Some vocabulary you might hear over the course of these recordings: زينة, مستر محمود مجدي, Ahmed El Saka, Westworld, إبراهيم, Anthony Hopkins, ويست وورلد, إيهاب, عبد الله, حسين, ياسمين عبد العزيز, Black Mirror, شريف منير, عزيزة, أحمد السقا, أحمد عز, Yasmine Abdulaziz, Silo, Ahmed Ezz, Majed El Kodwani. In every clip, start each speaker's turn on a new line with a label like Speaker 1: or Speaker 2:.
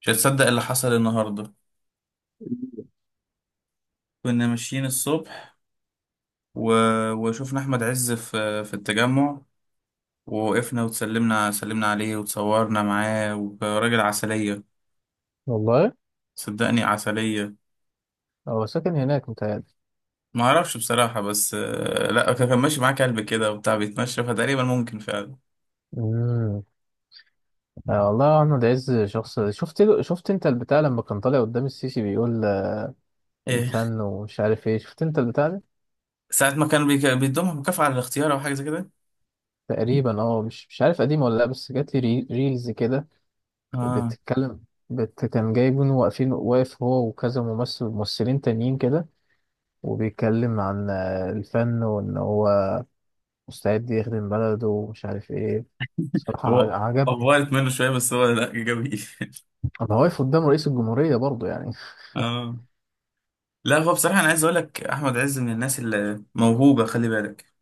Speaker 1: مش هتصدق اللي حصل النهارده. كنا ماشيين الصبح و... وشوفنا احمد عز في التجمع. ووقفنا سلمنا عليه وتصورنا معاه. وراجل عسلية.
Speaker 2: والله.
Speaker 1: صدقني عسلية.
Speaker 2: هو ساكن هناك متهيألي.
Speaker 1: ما اعرفش بصراحة، بس لا، كان ماشي معاه كلب كده وبتاع بيتمشى، فتقريبا ممكن فعلا.
Speaker 2: امم والله احمد عز شخص شفت انت البتاع لما كان طالع قدام السيسي بيقول
Speaker 1: ايه.
Speaker 2: الفن ومش عارف ايه، شفت انت البتاع ده.
Speaker 1: ساعة ما كان بيدومها مكافأة على الاختيار او حاجة زي كده.
Speaker 2: تقريبا اه مش عارف قديم ولا لا، بس جات لي ريلز كده
Speaker 1: اه.
Speaker 2: بتتكلم. كان جايبين واقفين واقف هو وكذا ممثلين تانيين كده وبيتكلم عن الفن وان هو مستعد يخدم بلده ومش عارف ايه. صراحة
Speaker 1: هو
Speaker 2: عجبني.
Speaker 1: افضلت منه شوية، بس هو، لا، جميل.
Speaker 2: انا واقف قدام رئيس الجمهورية برضه يعني.
Speaker 1: اه. لا هو بصراحة أنا عايز أقول لك أحمد عز من الناس اللي موهوبة، خلي بالك.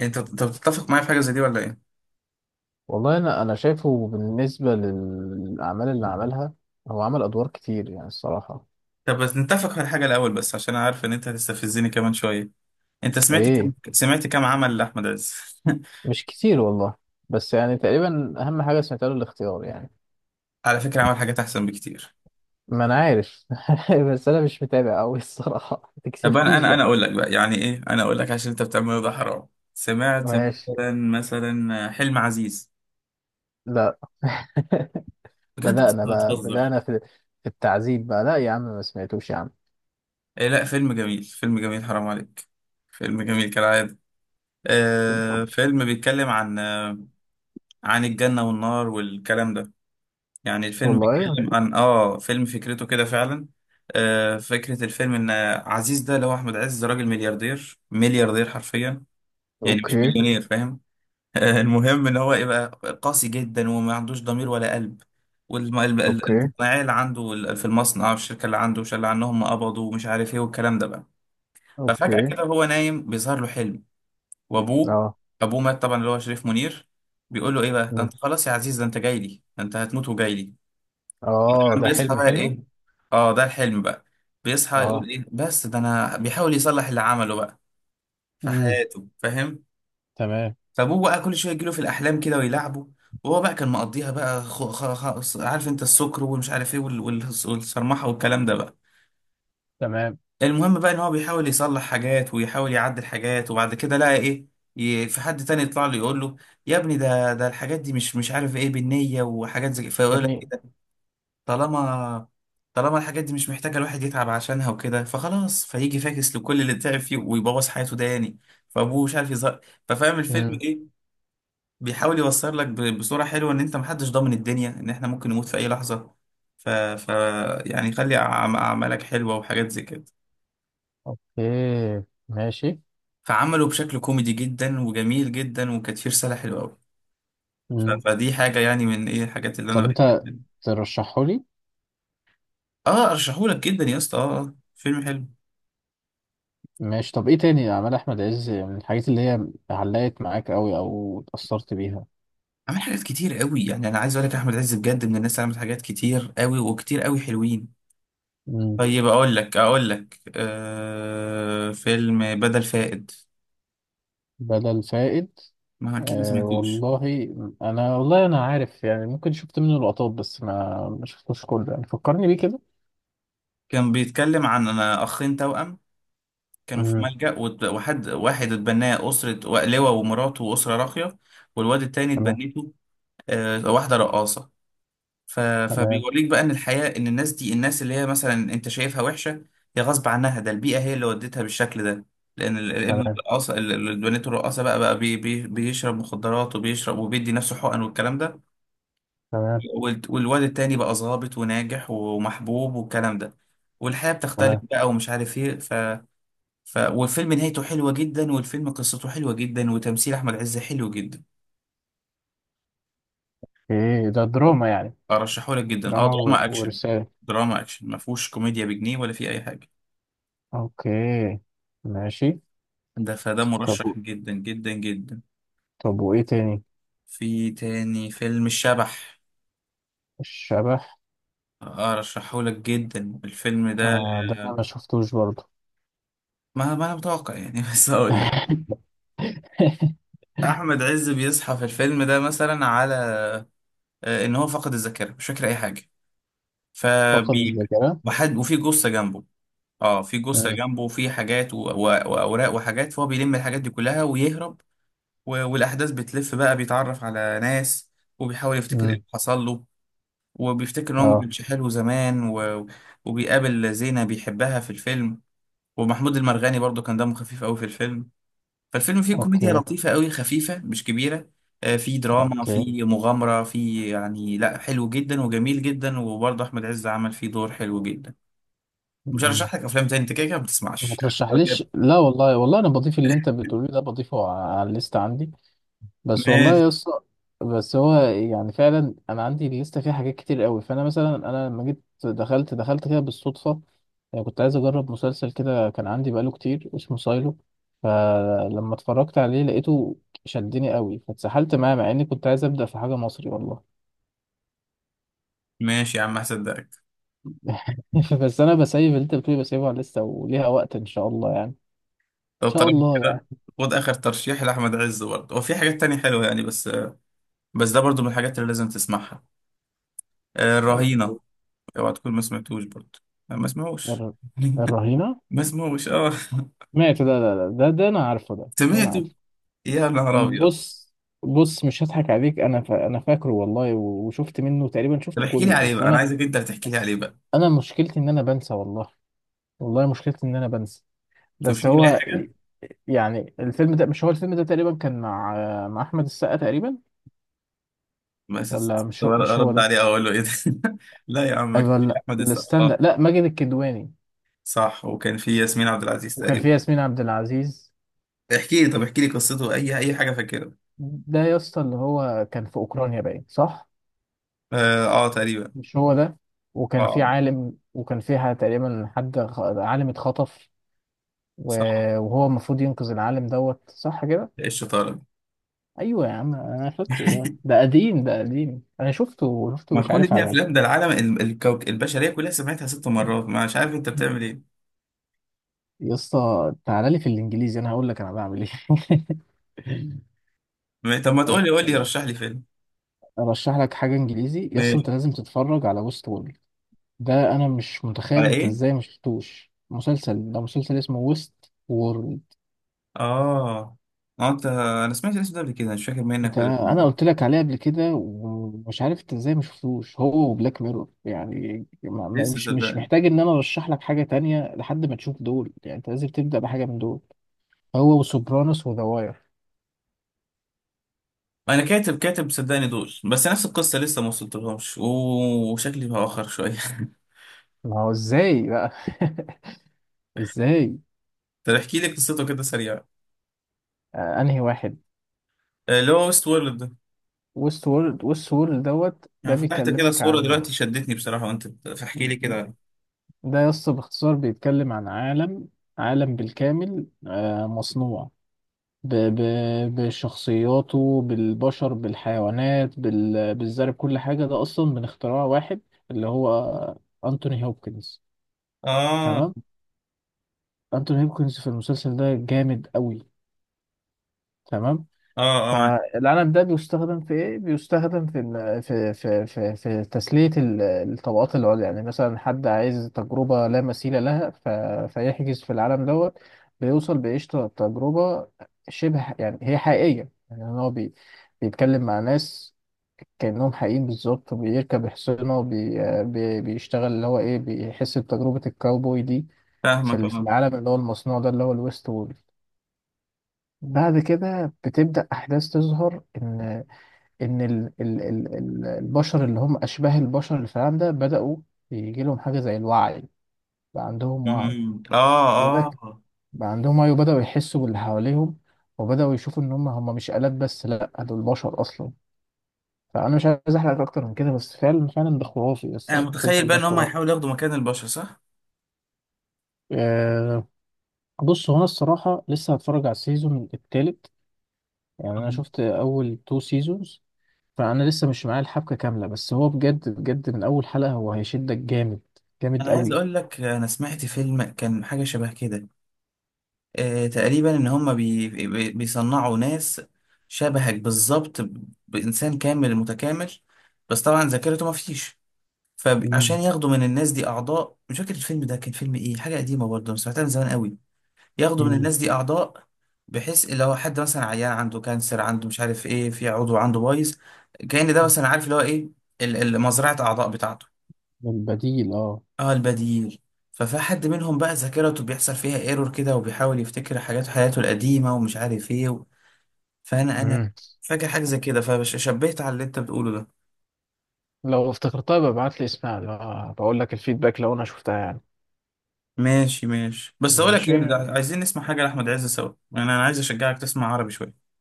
Speaker 1: انت بتتفق معايا في حاجه زي دي ولا ايه؟
Speaker 2: والله انا شايفه بالنسبه للاعمال اللي عملها. هو عمل ادوار كتير يعني الصراحه.
Speaker 1: طب بس نتفق على حاجه الاول، بس عشان انا عارف ان انت هتستفزني كمان شويه. انت
Speaker 2: ايه.
Speaker 1: سمعت كم عمل لاحمد عز؟
Speaker 2: مش كتير والله. بس يعني تقريبا اهم حاجه سمعتها له الاختيار يعني.
Speaker 1: على فكره عمل حاجات احسن بكتير.
Speaker 2: ما انا عارف. بس انا مش متابع قوي الصراحه، ما
Speaker 1: طب انا
Speaker 2: تكسفنيش
Speaker 1: انا انا
Speaker 2: بقى.
Speaker 1: اقول لك بقى يعني ايه، انا اقول لك عشان انت بتعمل ده حرام. سمعت
Speaker 2: ماشي.
Speaker 1: مثلا، حلم عزيز.
Speaker 2: لا.
Speaker 1: بجد انت
Speaker 2: بدأنا بقى
Speaker 1: بتهزر؟
Speaker 2: بدأنا في التعذيب بقى. لا يا عم، ما سمعتوش يا عم.
Speaker 1: إيه، لا، فيلم جميل، فيلم جميل، حرام عليك. فيلم جميل كالعاده.
Speaker 2: طب.
Speaker 1: فيلم بيتكلم عن عن الجنه والنار والكلام ده. يعني الفيلم
Speaker 2: والله.
Speaker 1: بيتكلم عن فيلم فكرته كده فعلا. فكرة الفيلم ان عزيز ده اللي هو احمد عز، ده راجل ملياردير، ملياردير حرفيا. يعني مش
Speaker 2: اوكي.
Speaker 1: مليونير، فاهم. المهم ان هو يبقى قاسي جدا وما عندوش ضمير ولا قلب.
Speaker 2: اوكي.
Speaker 1: والصناعية اللي عنده في المصنع والشركة اللي عنده شال عنهم قبضوا ومش عارف ايه والكلام ده بقى. ففجأة
Speaker 2: اوكي.
Speaker 1: كده هو نايم بيظهر له حلم وابوه.
Speaker 2: اه.
Speaker 1: ابوه مات طبعا، اللي هو شريف منير، بيقول له ايه بقى، ده
Speaker 2: أمم.
Speaker 1: انت خلاص يا عزيز، ده انت جاي لي، ده انت هتموت وجاي لي.
Speaker 2: اه
Speaker 1: كان
Speaker 2: ده
Speaker 1: بيصحى
Speaker 2: حلم
Speaker 1: بقى
Speaker 2: حلو.
Speaker 1: ايه. اه، ده الحلم بقى. بيصحى يقول
Speaker 2: اه.
Speaker 1: ايه، بس ده انا بيحاول يصلح اللي عمله بقى في
Speaker 2: امم.
Speaker 1: حياته، فاهم.
Speaker 2: تمام.
Speaker 1: فابوه بقى كل شويه يجيله في الاحلام كده ويلعبه. وهو بقى كان مقضيها بقى عارف انت السكر ومش عارف ايه والصرمحه والكلام ده بقى.
Speaker 2: تمام.
Speaker 1: المهم بقى ان هو بيحاول يصلح حاجات ويحاول يعدل حاجات، وبعد كده لقى ايه. في حد تاني يطلع له يقول له يا ابني، ده الحاجات دي مش عارف ايه بالنية وحاجات زي،
Speaker 2: يا
Speaker 1: فيقول
Speaker 2: ابني.
Speaker 1: لك طالما، الحاجات دي مش محتاجة الواحد يتعب عشانها وكده، فخلاص فيجي فاكس لكل اللي تعب فيه ويبوظ حياته ده يعني. فابوه مش عارف يظهر. ففاهم الفيلم
Speaker 2: مم.
Speaker 1: ايه، بيحاول يوصل لك بصورة حلوة ان انت محدش ضامن الدنيا، ان احنا ممكن نموت في اي لحظة. ف... ف... يعني خلي اعمالك حلوة وحاجات زي كده.
Speaker 2: اوكي. ماشي.
Speaker 1: فعمله بشكل كوميدي جدا وجميل جدا، وكانت فيه رسالة حلوة قوي.
Speaker 2: مم.
Speaker 1: فدي حاجة يعني من ايه الحاجات اللي
Speaker 2: طب
Speaker 1: انا
Speaker 2: انت
Speaker 1: بحبها.
Speaker 2: ترشحه لي.
Speaker 1: اه ارشحهولك جدا يا اسطى، اه، فيلم حلو.
Speaker 2: ماشي، طب ايه تاني اعمال احمد عز من الحاجات اللي هي علقت معاك قوي او اتأثرت بيها؟
Speaker 1: عمل حاجات كتير قوي يعني، انا عايز اقول لك احمد عز بجد من الناس اللي عملت حاجات كتير قوي، وكتير قوي حلوين.
Speaker 2: مم.
Speaker 1: طيب اقول لك فيلم بدل فائد.
Speaker 2: بدل فائد.
Speaker 1: ما اكيد ما
Speaker 2: آه
Speaker 1: سمعتوش.
Speaker 2: والله. انا والله عارف يعني، ممكن شفت منه لقطات بس ما شفتوش كله، يعني فكرني بيه كده.
Speaker 1: كان بيتكلم عن أنا اخين توأم. كانوا في
Speaker 2: مم.
Speaker 1: ملجأ وحد واحد اتبناه أسرة لواء ومراته وأسرة راقية. والواد التاني
Speaker 2: تمام.
Speaker 1: اتبنته واحدة رقاصة.
Speaker 2: تمام.
Speaker 1: فبيوريك بقى ان الحياة، ان الناس دي، الناس اللي هي مثلا انت شايفها وحشة، هي غصب عنها، ده البيئة هي اللي ودتها بالشكل ده. لان الابن
Speaker 2: تمام.
Speaker 1: الرقاصة البنات الرقاصة بقى، بيشرب مخدرات وبيشرب وبيدي نفسه حقن والكلام ده.
Speaker 2: تمام.
Speaker 1: والواد التاني بقى ظابط وناجح ومحبوب والكلام ده. والحياة بتختلف
Speaker 2: تمام.
Speaker 1: بقى ومش عارف ايه. والفيلم نهايته حلوة جدا، والفيلم قصته حلوة جدا، وتمثيل احمد عز حلو جدا.
Speaker 2: ايه ده دراما يعني؟
Speaker 1: ارشحه لك جدا، اه،
Speaker 2: دراما
Speaker 1: دراما اكشن.
Speaker 2: ورسالة.
Speaker 1: دراما اكشن ما فيهوش كوميديا بجنيه ولا في اي حاجة.
Speaker 2: اوكي. ماشي.
Speaker 1: فده
Speaker 2: طب.
Speaker 1: مرشح جدا جدا جدا.
Speaker 2: طب وايه تاني؟
Speaker 1: في تاني فيلم الشبح.
Speaker 2: الشبح.
Speaker 1: ارشحه لك جدا الفيلم ده.
Speaker 2: آه ده انا ما شفتوش برضه.
Speaker 1: ما انا متوقع يعني. بس اقول لك. احمد عز بيصحى في الفيلم ده مثلا على ان هو فقد الذاكره، مش فاكر اي حاجه.
Speaker 2: فقد
Speaker 1: فبي
Speaker 2: الذاكرة.
Speaker 1: وحد، وفي جثه جنبه. اه، في جثه
Speaker 2: مم.
Speaker 1: جنبه، وفي حاجات واوراق وحاجات، فهو بيلم الحاجات دي كلها ويهرب. والاحداث بتلف بقى، بيتعرف على ناس. وبيحاول يفتكر ايه
Speaker 2: مم.
Speaker 1: اللي حصل له. وبيفتكر ان هو ما
Speaker 2: اه.
Speaker 1: كانش حلو زمان وبيقابل زينة بيحبها في الفيلم. ومحمود المرغني برضو كان دمه خفيف قوي في الفيلم. فالفيلم فيه كوميديا
Speaker 2: اوكي.
Speaker 1: لطيفة قوي، خفيفة، مش كبيرة. فيه دراما،
Speaker 2: اوكي.
Speaker 1: فيه مغامرة، فيه يعني، لا، حلو جدا وجميل جدا، وبرضه أحمد عز عمل فيه دور حلو جدا. مش
Speaker 2: مم.
Speaker 1: هرشح لك أفلام تاني، أنت كده كده ما
Speaker 2: ما
Speaker 1: بتسمعش. يعني.
Speaker 2: ترشحليش. لا والله انا بضيف اللي انت بتقوليه ده، بضيفه على الليست عندي. بس والله
Speaker 1: ماشي.
Speaker 2: يا اسطى. بس هو يعني فعلا انا عندي لسه فيه حاجات كتير قوي. فانا مثلا، انا لما جيت دخلت كده بالصدفه. يعني كنت عايز اجرب مسلسل كده كان عندي بقاله كتير، اسمه سايلو. فلما اتفرجت عليه لقيته شدني قوي، فاتسحلت معاه مع اني كنت عايز ابدا في حاجه مصري والله.
Speaker 1: ماشي يا عم هصدقك.
Speaker 2: بس انا بسيب اللي انت بتقولي، بسيبها لسه وليها وقت ان شاء الله يعني ان
Speaker 1: لو
Speaker 2: شاء
Speaker 1: طالما
Speaker 2: الله يعني
Speaker 1: كده خد آخر ترشيح لأحمد عز برضه، وفي حاجات تانية حلوة يعني، بس. ده برضه من الحاجات اللي لازم تسمعها. الرهينة.
Speaker 2: أوكي.
Speaker 1: اوعى تكون ما سمعتوش برضه. أنا ما سمعوش.
Speaker 2: الر- الرهينه.
Speaker 1: ما سمعوش اه.
Speaker 2: مات ده، انا عارفه، ده انا
Speaker 1: سمعته
Speaker 2: عارفه.
Speaker 1: يا نهار ابيض.
Speaker 2: بص. بص مش هضحك عليك، انا انا فاكره والله وشفت منه تقريبا،
Speaker 1: طب
Speaker 2: شفته
Speaker 1: احكي لي
Speaker 2: كله
Speaker 1: عليه
Speaker 2: بس
Speaker 1: بقى، انا
Speaker 2: انا.
Speaker 1: عايزك انت اللي تحكي لي
Speaker 2: بس
Speaker 1: عليه بقى.
Speaker 2: انا مشكلتي ان انا بنسى والله. والله مشكلتي ان انا بنسى.
Speaker 1: انت مش
Speaker 2: بس
Speaker 1: فاكر اي
Speaker 2: هو،
Speaker 1: حاجه؟
Speaker 2: يعني الفيلم ده، مش هو الفيلم ده تقريبا كان مع احمد السقا تقريبا؟ ولا
Speaker 1: بس طب
Speaker 2: مش هو
Speaker 1: ارد
Speaker 2: ده؟
Speaker 1: عليه أو اقول له ايه ده. لا يا عم، ما كان
Speaker 2: أيوة،
Speaker 1: في
Speaker 2: لا
Speaker 1: احمد
Speaker 2: لا،
Speaker 1: السقا،
Speaker 2: استنى، لا ماجد الكدواني.
Speaker 1: صح. وكان في ياسمين عبد العزيز
Speaker 2: وكان في
Speaker 1: تقريبا.
Speaker 2: ياسمين عبد العزيز.
Speaker 1: احكي لي، طب احكي لي قصته، اي اي حاجه فاكرها.
Speaker 2: ده يا اسطى اللي هو كان في اوكرانيا باين، صح؟
Speaker 1: اه، تقريبا.
Speaker 2: مش هو ده. وكان في
Speaker 1: اه،
Speaker 2: عالم، وكان فيها تقريبا حد عالم اتخطف،
Speaker 1: صح.
Speaker 2: وهو المفروض ينقذ العالم دوت، صح كده.
Speaker 1: ايه الشطاره.
Speaker 2: ايوه يا عم انا فاكره، ده ده قديم ده قديم انا شفته،
Speaker 1: ما
Speaker 2: مش
Speaker 1: كل
Speaker 2: عارف
Speaker 1: دي
Speaker 2: على.
Speaker 1: افلام، ده العالم الكوك البشريه كلها سمعتها ست مرات، ما مش عارف انت بتعمل ايه.
Speaker 2: يا اسطى تعالى لي في الانجليزي انا هقول لك انا بعمل ايه.
Speaker 1: طب ما
Speaker 2: انا
Speaker 1: تقول لي، قول لي رشح لي
Speaker 2: ارشح لك حاجه انجليزي يا اسطى، انت
Speaker 1: فيلم
Speaker 2: لازم تتفرج على ويست وورلد. ده انا مش متخيل
Speaker 1: على
Speaker 2: انت
Speaker 1: ايه؟
Speaker 2: ازاي ما شفتوش مسلسل ده. مسلسل اسمه ويست وورلد.
Speaker 1: اه. انت، انا سمعت الاسم ده قبل كده، مش فاكر منك
Speaker 2: انت،
Speaker 1: ولا
Speaker 2: انا
Speaker 1: مني.
Speaker 2: قلت لك عليه قبل كده ومش عارف انت ازاي ما شفتوش. هو بلاك ميرور يعني،
Speaker 1: لسه
Speaker 2: مش
Speaker 1: صدقني.
Speaker 2: محتاج ان انا ارشح لك حاجه تانية لحد ما تشوف دول، يعني انت لازم تبدا بحاجه من دول. هو وسوبرانوس وذا واير.
Speaker 1: انا كاتب، صدقني دول، بس نفس القصه لسه ما وصلتلهمش، وشكلي بأخر شويه.
Speaker 2: ما هو ازاي بقى؟ ازاي؟
Speaker 1: طب احكي لي قصته كده سريعه.
Speaker 2: آه انهي واحد.
Speaker 1: اللي هو ويست وورلد ده.
Speaker 2: ويست وورلد. ويست وورلد دوت، ده
Speaker 1: انا فتحت كده
Speaker 2: بيكلمك
Speaker 1: الصوره
Speaker 2: عن،
Speaker 1: دلوقتي، شدتني بصراحه وانت فاحكي لي كده.
Speaker 2: ده يس باختصار بيتكلم عن عالم. عالم بالكامل آه مصنوع ب... ب... بشخصياته، بالبشر، بالحيوانات، بالزرع، بكل حاجة. ده أصلا من اختراع واحد اللي هو أنتوني هوبكنز.
Speaker 1: اه،
Speaker 2: تمام.
Speaker 1: اه.
Speaker 2: أنتوني هوبكنز في المسلسل ده جامد قوي. تمام.
Speaker 1: اه معاك.
Speaker 2: فالعنب ده بيستخدم في ايه؟ بيستخدم في تسلية الطبقات العليا. يعني مثلا حد عايز تجربة لا مثيل لها، ف... فيحجز في العالم دوت، بيوصل بقشطة تجربة شبه، يعني هي حقيقية. يعني هو بيتكلم مع ناس كأنهم حقيقيين بالظبط، وبيركب حصانه، وبي... بي... بيشتغل اللي هو ايه، بيحس بتجربة الكاوبوي دي في
Speaker 1: فاهمك
Speaker 2: في
Speaker 1: اه.
Speaker 2: العالم اللي هو المصنوع ده، اللي هو الويست وورلد. بعد كده بتبدأ أحداث تظهر إن ان ال ال ال ال- البشر، اللي هم اشباه البشر اللي في العالم ده، بداوا يجي لهم حاجه زي الوعي. بقى عندهم وعي.
Speaker 1: أمم،
Speaker 2: وده
Speaker 1: اه،
Speaker 2: ك-
Speaker 1: اه.
Speaker 2: بقى عندهم وعي، وبداوا يحسوا باللي حواليهم. وبداوا يشوفوا ان هم مش آلات بس، لا دول بشر اصلا. فانا مش عايز احرق اكتر من كده، بس فعلا فعلا ده خرافي
Speaker 1: انا
Speaker 2: الصراحه،
Speaker 1: متخيل
Speaker 2: المسلسل
Speaker 1: بقى
Speaker 2: ده
Speaker 1: ان هم
Speaker 2: خرافي.
Speaker 1: هيحاولوا ياخدوا مكان البشر صح؟
Speaker 2: أه. بص هو انا الصراحه لسه هتفرج على السيزون التالت. يعني انا
Speaker 1: أمم.
Speaker 2: شفت اول تو سيزونز. فانا لسه مش معايا الحبكه كامله، بس هو بجد بجد من اول حلقه هو هيشدك جامد.
Speaker 1: انا
Speaker 2: جامد
Speaker 1: عايز
Speaker 2: قوي.
Speaker 1: اقول لك انا سمعت فيلم كان حاجه شبه كده. تقريبا ان هم بيصنعوا ناس شبهك بالظبط، بانسان كامل متكامل. بس طبعا ذاكرته ما فيش.
Speaker 2: مم.
Speaker 1: فعشان ياخدوا من الناس دي اعضاء، مش فاكر الفيلم ده كان فيلم ايه، حاجه قديمه برضه أنا سمعتها من زمان قوي. ياخدوا من
Speaker 2: مم.
Speaker 1: الناس دي اعضاء، بحيث لو حد مثلا عيان عنده كانسر، عنده مش عارف ايه، في عضو عنده بايظ، كأن ده مثلا، عارف اللي هو ايه، مزرعه اعضاء بتاعته.
Speaker 2: البديل اه.
Speaker 1: اه، البديل. ففي حد منهم بقى ذاكرته بيحصل فيها ايرور كده، وبيحاول يفتكر حاجات حياته القديمة، ومش عارف ايه فانا
Speaker 2: مم.
Speaker 1: فاكر حاجة زي كده، فشبهت على اللي انت بتقوله ده.
Speaker 2: لو افتكرتها ببعت لي اسمها، آه بقول لك الفيدباك لو انا شفتها يعني.
Speaker 1: ماشي ماشي، بس اقول لك
Speaker 2: ماشي.
Speaker 1: ايه ده، عايزين نسمع حاجة لأحمد عز سوا يعني، انا عايز اشجعك تسمع عربي شوية.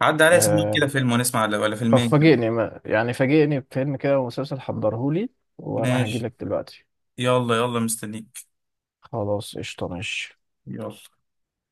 Speaker 1: عدى عليا، سمع كده
Speaker 2: آه
Speaker 1: فيلم، ونسمع ولا
Speaker 2: طب
Speaker 1: فيلمين كده.
Speaker 2: فاجئني، يعني فاجئني بفيلم كده ومسلسل، حضرهولي وانا
Speaker 1: ماشي.
Speaker 2: هجيلك دلوقتي.
Speaker 1: يلا يلا مستنيك.
Speaker 2: خلاص قشطة، ماشي.
Speaker 1: يلا.